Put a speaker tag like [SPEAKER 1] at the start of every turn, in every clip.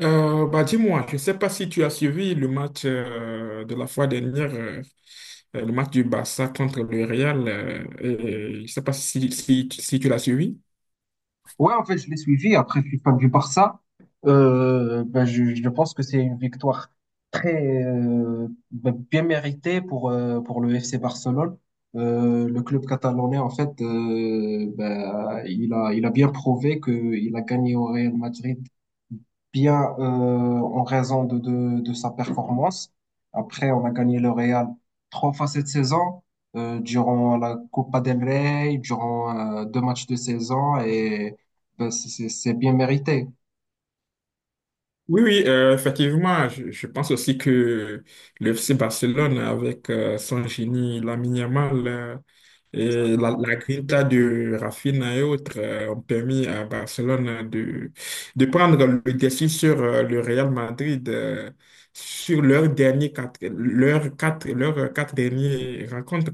[SPEAKER 1] Bah dis-moi, je ne sais pas si tu as suivi le match de la fois dernière, le match du Barça contre le Real. Et je ne sais pas si tu l'as suivi.
[SPEAKER 2] Ouais, en fait, je l'ai suivi. Après, je suis fan du Barça. Je pense que c'est une victoire très bien méritée pour le FC Barcelone. Le club catalanais, en fait, il a bien prouvé qu'il a gagné au Real Madrid bien en raison de sa performance. Après, on a gagné le Real trois fois cette saison, durant la Copa del Rey, durant deux matchs de saison, et ben, c'est bien mérité.
[SPEAKER 1] Oui, oui, effectivement, je pense aussi que le FC Barcelone, avec son génie Lamine Yamal, et la grinta de Rafinha et autres ont permis à Barcelone de prendre le dessus sur le Real Madrid sur leurs derniers quatre, leurs quatre dernières rencontres.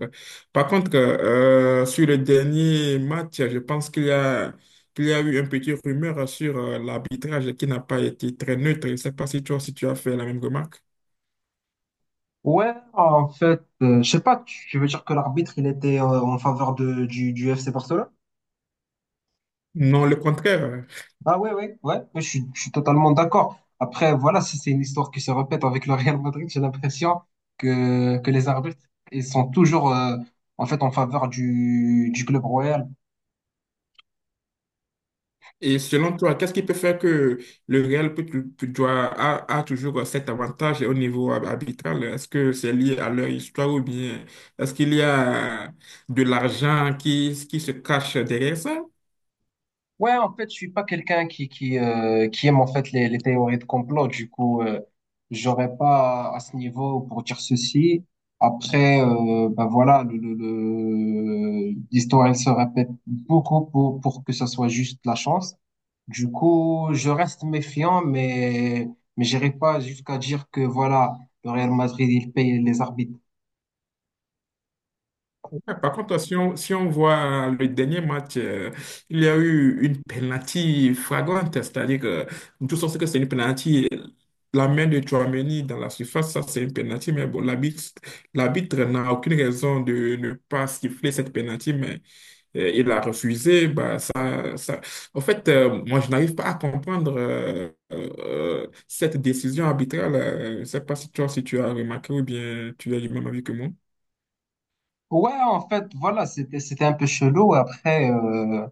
[SPEAKER 1] Par contre, sur le dernier match, je pense qu'il y a eu un petit rumeur sur l'arbitrage qui n'a pas été très neutre. Je ne sais pas si toi, si tu as fait la même remarque.
[SPEAKER 2] Je sais pas, tu veux dire que l'arbitre, il était en faveur de, du FC Barcelone?
[SPEAKER 1] Non, le contraire.
[SPEAKER 2] Ah ouais, ouais, ouais, ouais, je suis totalement d'accord. Après, voilà, si c'est une histoire qui se répète avec le Real Madrid, j'ai l'impression que les arbitres, ils sont toujours en fait en faveur du club royal.
[SPEAKER 1] Et selon toi, qu'est-ce qui peut faire que le Real doit, a toujours cet avantage au niveau arbitral? Est-ce que c'est lié à leur histoire ou bien est-ce qu'il y a de l'argent qui se cache derrière ça?
[SPEAKER 2] Ouais, en fait, je suis pas quelqu'un qui qui aime en fait les théories de complot. Du coup, j'aurais pas à à ce niveau pour dire ceci. Après, voilà, l'histoire elle se répète beaucoup pour que ça soit juste la chance. Du coup, je reste méfiant, mais j'irai pas jusqu'à dire que voilà, le Real Madrid il paye les arbitres.
[SPEAKER 1] Ouais. Par contre, si on voit, hein, le dernier match, il y a eu une penalty flagrante, c'est-à-dire que tout sens que c'est une penalty. La main de Tchouaméni dans la surface, ça c'est une penalty, mais bon, l'arbitre n'a aucune raison de ne pas siffler cette penalty, mais il a refusé. Bah, ça, ça. En fait, moi je n'arrive pas à comprendre cette décision arbitrale. Je ne sais pas si toi, si tu as remarqué ou bien tu as du même avis que moi.
[SPEAKER 2] Voilà, c'était un peu chelou. Après, euh,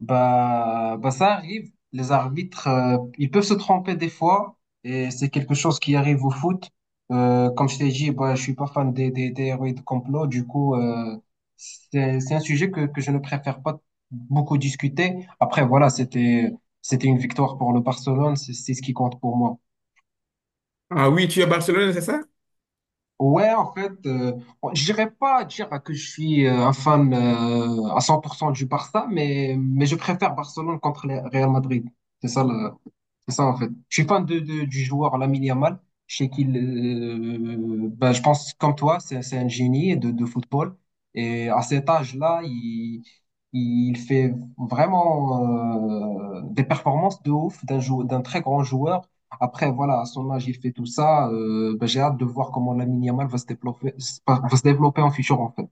[SPEAKER 2] Bah, bah ça arrive. Les arbitres, ils peuvent se tromper des fois, et c'est quelque chose qui arrive au foot. Comme je t'ai dit, bah, je suis pas fan des héros et de complot. Du coup, c'est un sujet que je ne préfère pas beaucoup discuter. Après, voilà, c'était une victoire pour le Barcelone. C'est ce qui compte pour moi.
[SPEAKER 1] Ah oui, tu es à Barcelone, c'est ça?
[SPEAKER 2] Ouais, en fait, euh, je dirais pas dire que je suis un fan à 100% du Barça, mais je préfère Barcelone contre le Real Madrid. C'est ça le, c'est ça, en fait. Je suis fan de, du joueur Lamine Yamal. Je sais qu'il, je pense, comme toi, c'est un génie de football. Et à cet âge-là, il fait vraiment des performances de ouf d'un très grand joueur. Après, voilà, à son âge, il fait tout ça. J'ai hâte de voir comment Lamine Yamal va se développer en futur, en fait.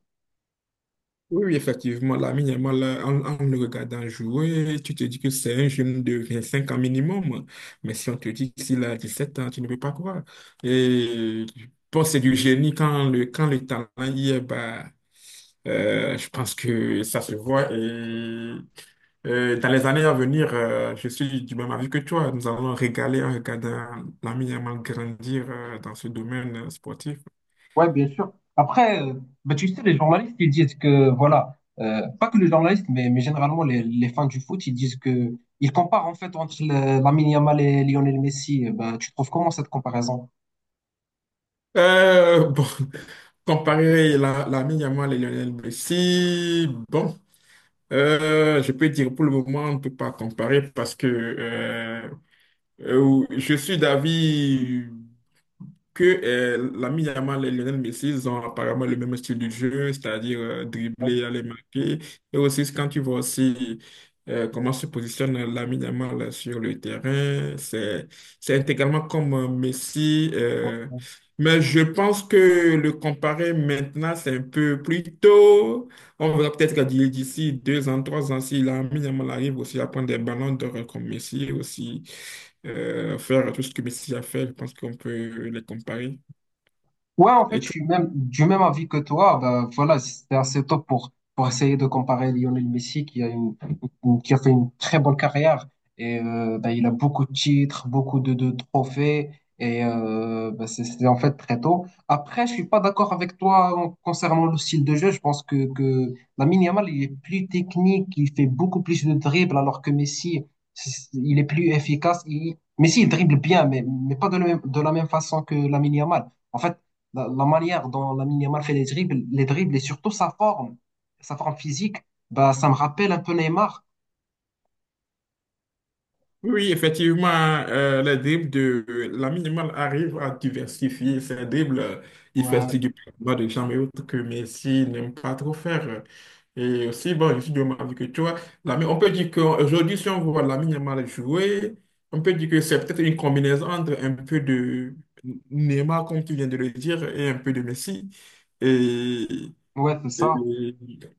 [SPEAKER 1] Oui, oui, effectivement, là, minimum, là, en le regardant jouer, tu te dis que c'est un jeune de 25 ans minimum. Mais si on te dit qu'il a 17 ans, tu ne peux pas croire. Et je pense que c'est du génie quand le talent y est, bah, je pense que ça se voit. Et dans les années à venir, je suis du même avis que toi. Nous allons régaler en regardant Lamine Yamal grandir dans ce domaine sportif.
[SPEAKER 2] Ouais, bien sûr. Après, bah, tu sais, les journalistes, ils disent que, voilà, pas que les journalistes, mais généralement les fans du foot, ils disent que, ils comparent en fait entre Lamine Yamal et Lionel Messi. Bah, tu trouves comment cette comparaison?
[SPEAKER 1] Bon, comparer l'ami Yamal et Lionel Messi, bon, je peux dire pour le moment, on ne peut pas comparer parce que je suis d'avis que l'ami Yamal et Lionel Messi ils ont apparemment le même style de jeu, c'est-à-dire dribbler, aller marquer. Et aussi, quand tu vois aussi comment se positionne l'ami Yamal sur le terrain, c'est intégralement comme Messi. Mais je pense que le comparer maintenant, c'est un peu plus tôt. On verra peut-être que d'ici deux ans, trois ans, si l'ami Yamal arrive aussi à prendre des ballons d'or comme Messi aussi faire tout ce que Messi a fait, je pense qu'on peut les comparer. Et
[SPEAKER 2] Je
[SPEAKER 1] tu-
[SPEAKER 2] suis même du même avis que toi. Ben, voilà, c'était assez tôt pour essayer de comparer Lionel Messi, qui a une, qui a fait une très bonne carrière. Et il a beaucoup de titres, beaucoup de trophées. Et c'est en fait très tôt. Après, je suis pas d'accord avec toi concernant le style de jeu. Je pense que Lamine Yamal, il est plus technique, il fait beaucoup plus de dribbles, alors que Messi, il est plus efficace. Messi, il dribble bien, mais pas de la même, de la même façon que Lamine Yamal. En fait, la manière dont Lamine Yamal fait les dribbles et surtout sa forme physique, bah, ça me rappelle un peu Neymar.
[SPEAKER 1] Oui, effectivement, les dribbles de Lamine Yamal arrive à diversifier ses dribbles. Il fait
[SPEAKER 2] Ouais,
[SPEAKER 1] aussi du bas de jambes et autres que Messi n'aime pas trop faire. Et aussi, bon, je suis de même avis que toi. On peut dire qu'aujourd'hui, si on voit Lamine Yamal jouer, on peut dire que c'est peut-être une combinaison entre un peu de Neymar, comme tu viens de le dire, et un peu de Messi. Et
[SPEAKER 2] ouais, c'est
[SPEAKER 1] Et
[SPEAKER 2] ça.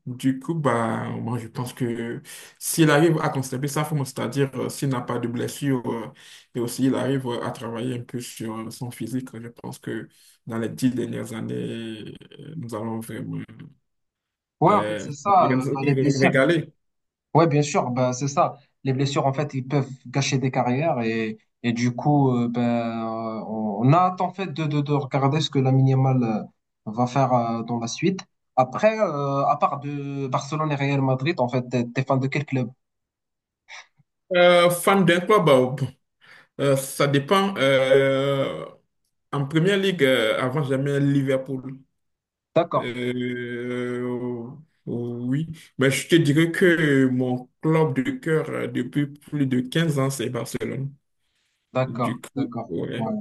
[SPEAKER 1] du coup, bah, moi, je pense que s'il arrive à conserver sa forme, c'est-à-dire s'il n'a pas de blessure et aussi il arrive à travailler un peu sur son physique, je pense que dans les dix dernières années, nous allons vraiment
[SPEAKER 2] C'est ça,
[SPEAKER 1] c'est-à-dire
[SPEAKER 2] bah, les
[SPEAKER 1] nous
[SPEAKER 2] blessures.
[SPEAKER 1] régaler.
[SPEAKER 2] Ouais, bien sûr, bah, c'est ça. Les blessures, en fait, ils peuvent gâcher des carrières et du coup, on a hâte, en fait, de regarder ce que Lamine Yamal va faire dans la suite. Après, à part de Barcelone et Real Madrid, en fait, t'es fan de quel club?
[SPEAKER 1] Fan d'un club, bah, bon, ça dépend. En première ligue, avant, j'aimais Liverpool.
[SPEAKER 2] D'accord,
[SPEAKER 1] Oh, oh, oui, mais je te dirais que mon club de cœur depuis plus de 15 ans, c'est Barcelone.
[SPEAKER 2] d'accord,
[SPEAKER 1] Du coup,
[SPEAKER 2] d'accord.
[SPEAKER 1] ouais.
[SPEAKER 2] Ouais,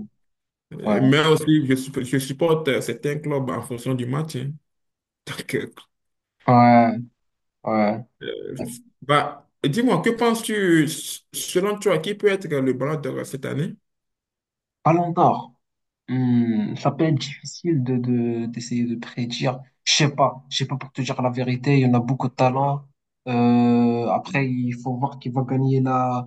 [SPEAKER 2] ouais,
[SPEAKER 1] Mais aussi, je supporte certains clubs en fonction du match, hein. Donc,
[SPEAKER 2] ouais, ouais.
[SPEAKER 1] bah, dis-moi, que penses-tu, selon toi, qui peut être le ballon d'or cette année?
[SPEAKER 2] Ballon d'or. Hmm, ça peut être difficile de, d'essayer de prédire. Je sais pas pour te dire la vérité. Il y en a beaucoup de talents. Après, il faut voir qui va gagner la,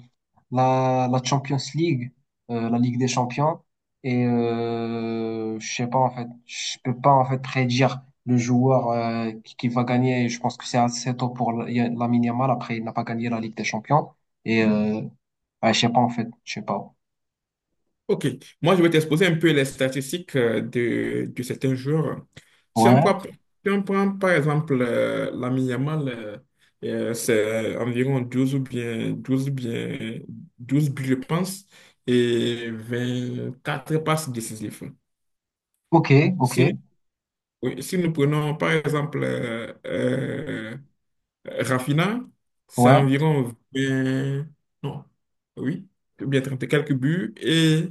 [SPEAKER 2] la, la Champions League, la Ligue des Champions. Et je sais pas en fait, je peux pas en fait prédire le joueur qui va gagner. Et je pense que c'est assez tôt pour Lamine Yamal. Après, il n'a pas gagné la Ligue des Champions. Et ouais, je sais pas en fait, je sais pas.
[SPEAKER 1] Ok, moi je vais t'exposer un peu les statistiques de certains joueurs.
[SPEAKER 2] Ouais.
[SPEAKER 1] Si on prend, par exemple Lamine Yamal, c'est environ 12 ou bien 12 ou bien 12 buts, je pense, et 24 passes décisives.
[SPEAKER 2] Ok, ok.
[SPEAKER 1] Si nous, Oui, si nous prenons par exemple Raphinha, c'est
[SPEAKER 2] Ouais.
[SPEAKER 1] environ vingt, non, oui, ou bien 30 et quelques buts,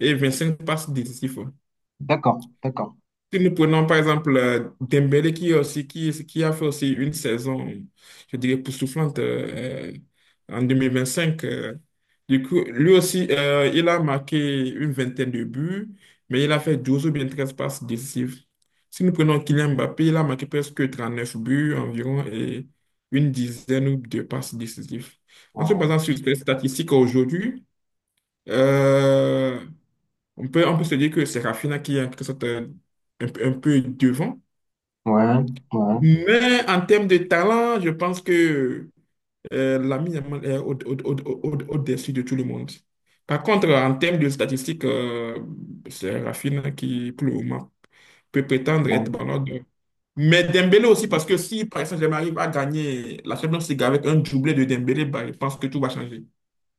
[SPEAKER 1] et 25 passes décisives.
[SPEAKER 2] D'accord, d'accord.
[SPEAKER 1] Si nous prenons par exemple Dembélé qui a fait aussi une saison, je dirais, époustouflante en 2025, du coup, lui aussi, il a marqué une vingtaine de buts, mais il a fait 12 ou bien 13 passes décisives. Si nous prenons Kylian Mbappé, il a marqué presque 39 buts environ et une dizaine de passes décisives. En se
[SPEAKER 2] Ouais,
[SPEAKER 1] basant sur les statistiques aujourd'hui, euh, on peut se dire que c'est Rafinha qui est en quelque sorte un peu devant.
[SPEAKER 2] ouais, ouais,
[SPEAKER 1] Mais en termes de talent, je pense que Lamine Yamal est dessus de tout le monde. Par contre, en termes de statistiques, c'est Rafinha qui, pour le moment, peut prétendre être
[SPEAKER 2] ouais.
[SPEAKER 1] ballon d'or. Mais Dembélé aussi, parce que si, par exemple, j'arrive à gagner la Champions League avec un doublé de Dembélé, bah, je pense que tout va changer.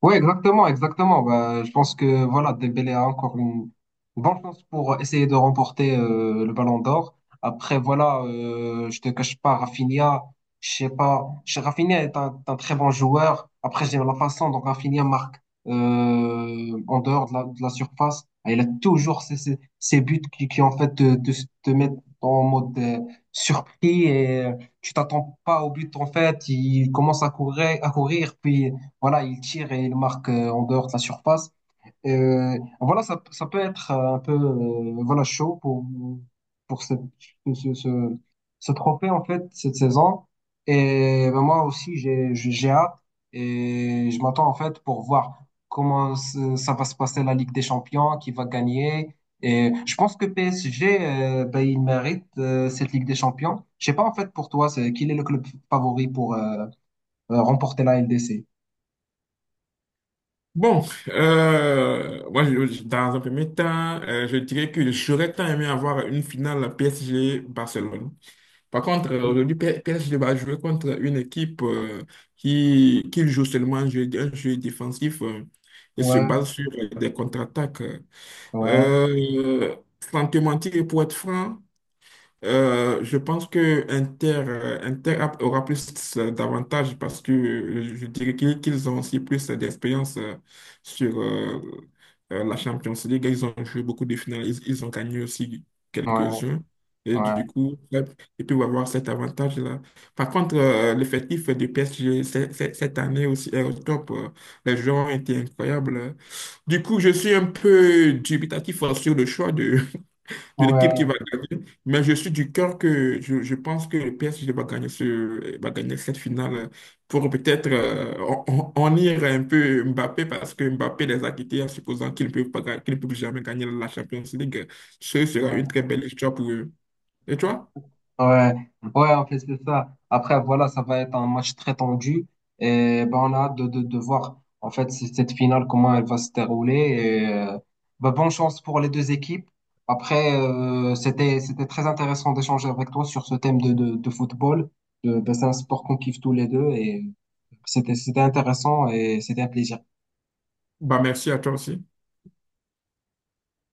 [SPEAKER 2] Oui, exactement, exactement. Bah, je pense que voilà, Dembélé a encore une bonne chance pour essayer de remporter le Ballon d'Or. Après, voilà, je te cache pas, Rafinha, je sais pas, Rafinha est un très bon joueur. Après, j'aime la façon dont Rafinha marque en dehors de la surface. Et il a toujours ces, ces, ces buts qui en fait te, te, te mettent en mode surpris et tu t'attends pas au but en fait. Il commence à courir, puis voilà, il tire et il marque en dehors de la surface. Voilà, ça peut être un peu voilà, chaud pour ce, ce, ce, ce trophée, en fait, cette saison. Et ben, moi aussi, j'ai hâte et je m'attends, en fait, pour voir comment ça va se passer la Ligue des Champions, qui va gagner. Et je pense que PSG, il mérite cette Ligue des Champions. Je sais pas, en fait, pour toi, c'est, quel est le club favori pour, remporter la LDC.
[SPEAKER 1] Bon, moi, dans un premier temps, je dirais que j'aurais tant aimé avoir une finale PSG-Barcelone. Par contre, aujourd'hui, PSG va jouer contre une équipe qui joue seulement un jeu défensif et se
[SPEAKER 2] Ouais,
[SPEAKER 1] base sur des contre-attaques.
[SPEAKER 2] ouais,
[SPEAKER 1] Euh, Sans te mentir, et pour être franc, je pense que aura plus d'avantages parce que je dirais qu'ils ont aussi plus d'expérience sur la Champions League. Ils ont joué beaucoup de finales, ils ont gagné aussi
[SPEAKER 2] ouais,
[SPEAKER 1] quelques-uns. Et du
[SPEAKER 2] ouais,
[SPEAKER 1] coup, là, ils peuvent avoir cet avantage-là. Par contre, l'effectif du PSG cette année aussi est au top. Les joueurs ont été incroyables. Du coup, je suis un peu dubitatif sur le choix d'une
[SPEAKER 2] ouais,
[SPEAKER 1] équipe qui va gagner. Mais je suis du cœur que je pense que le PSG va gagner, va gagner cette finale pour peut-être en ir un peu Mbappé parce que Mbappé les a quittés en supposant qu'ils ne peuvent pas, qu'ils ne peuvent jamais gagner la Champions League. Ce sera une très
[SPEAKER 2] ouais.
[SPEAKER 1] belle histoire pour eux. Et toi?
[SPEAKER 2] Ouais, c'est ça. Après, voilà, ça va être un match très tendu. Et ben, on a hâte de voir, en fait, cette finale, comment elle va se dérouler. Et, bonne chance pour les deux équipes. Après, c'était très intéressant d'échanger avec toi sur ce thème de football. C'est un sport qu'on kiffe tous les deux et c'était intéressant et c'était un plaisir.
[SPEAKER 1] Bah, merci à toi aussi.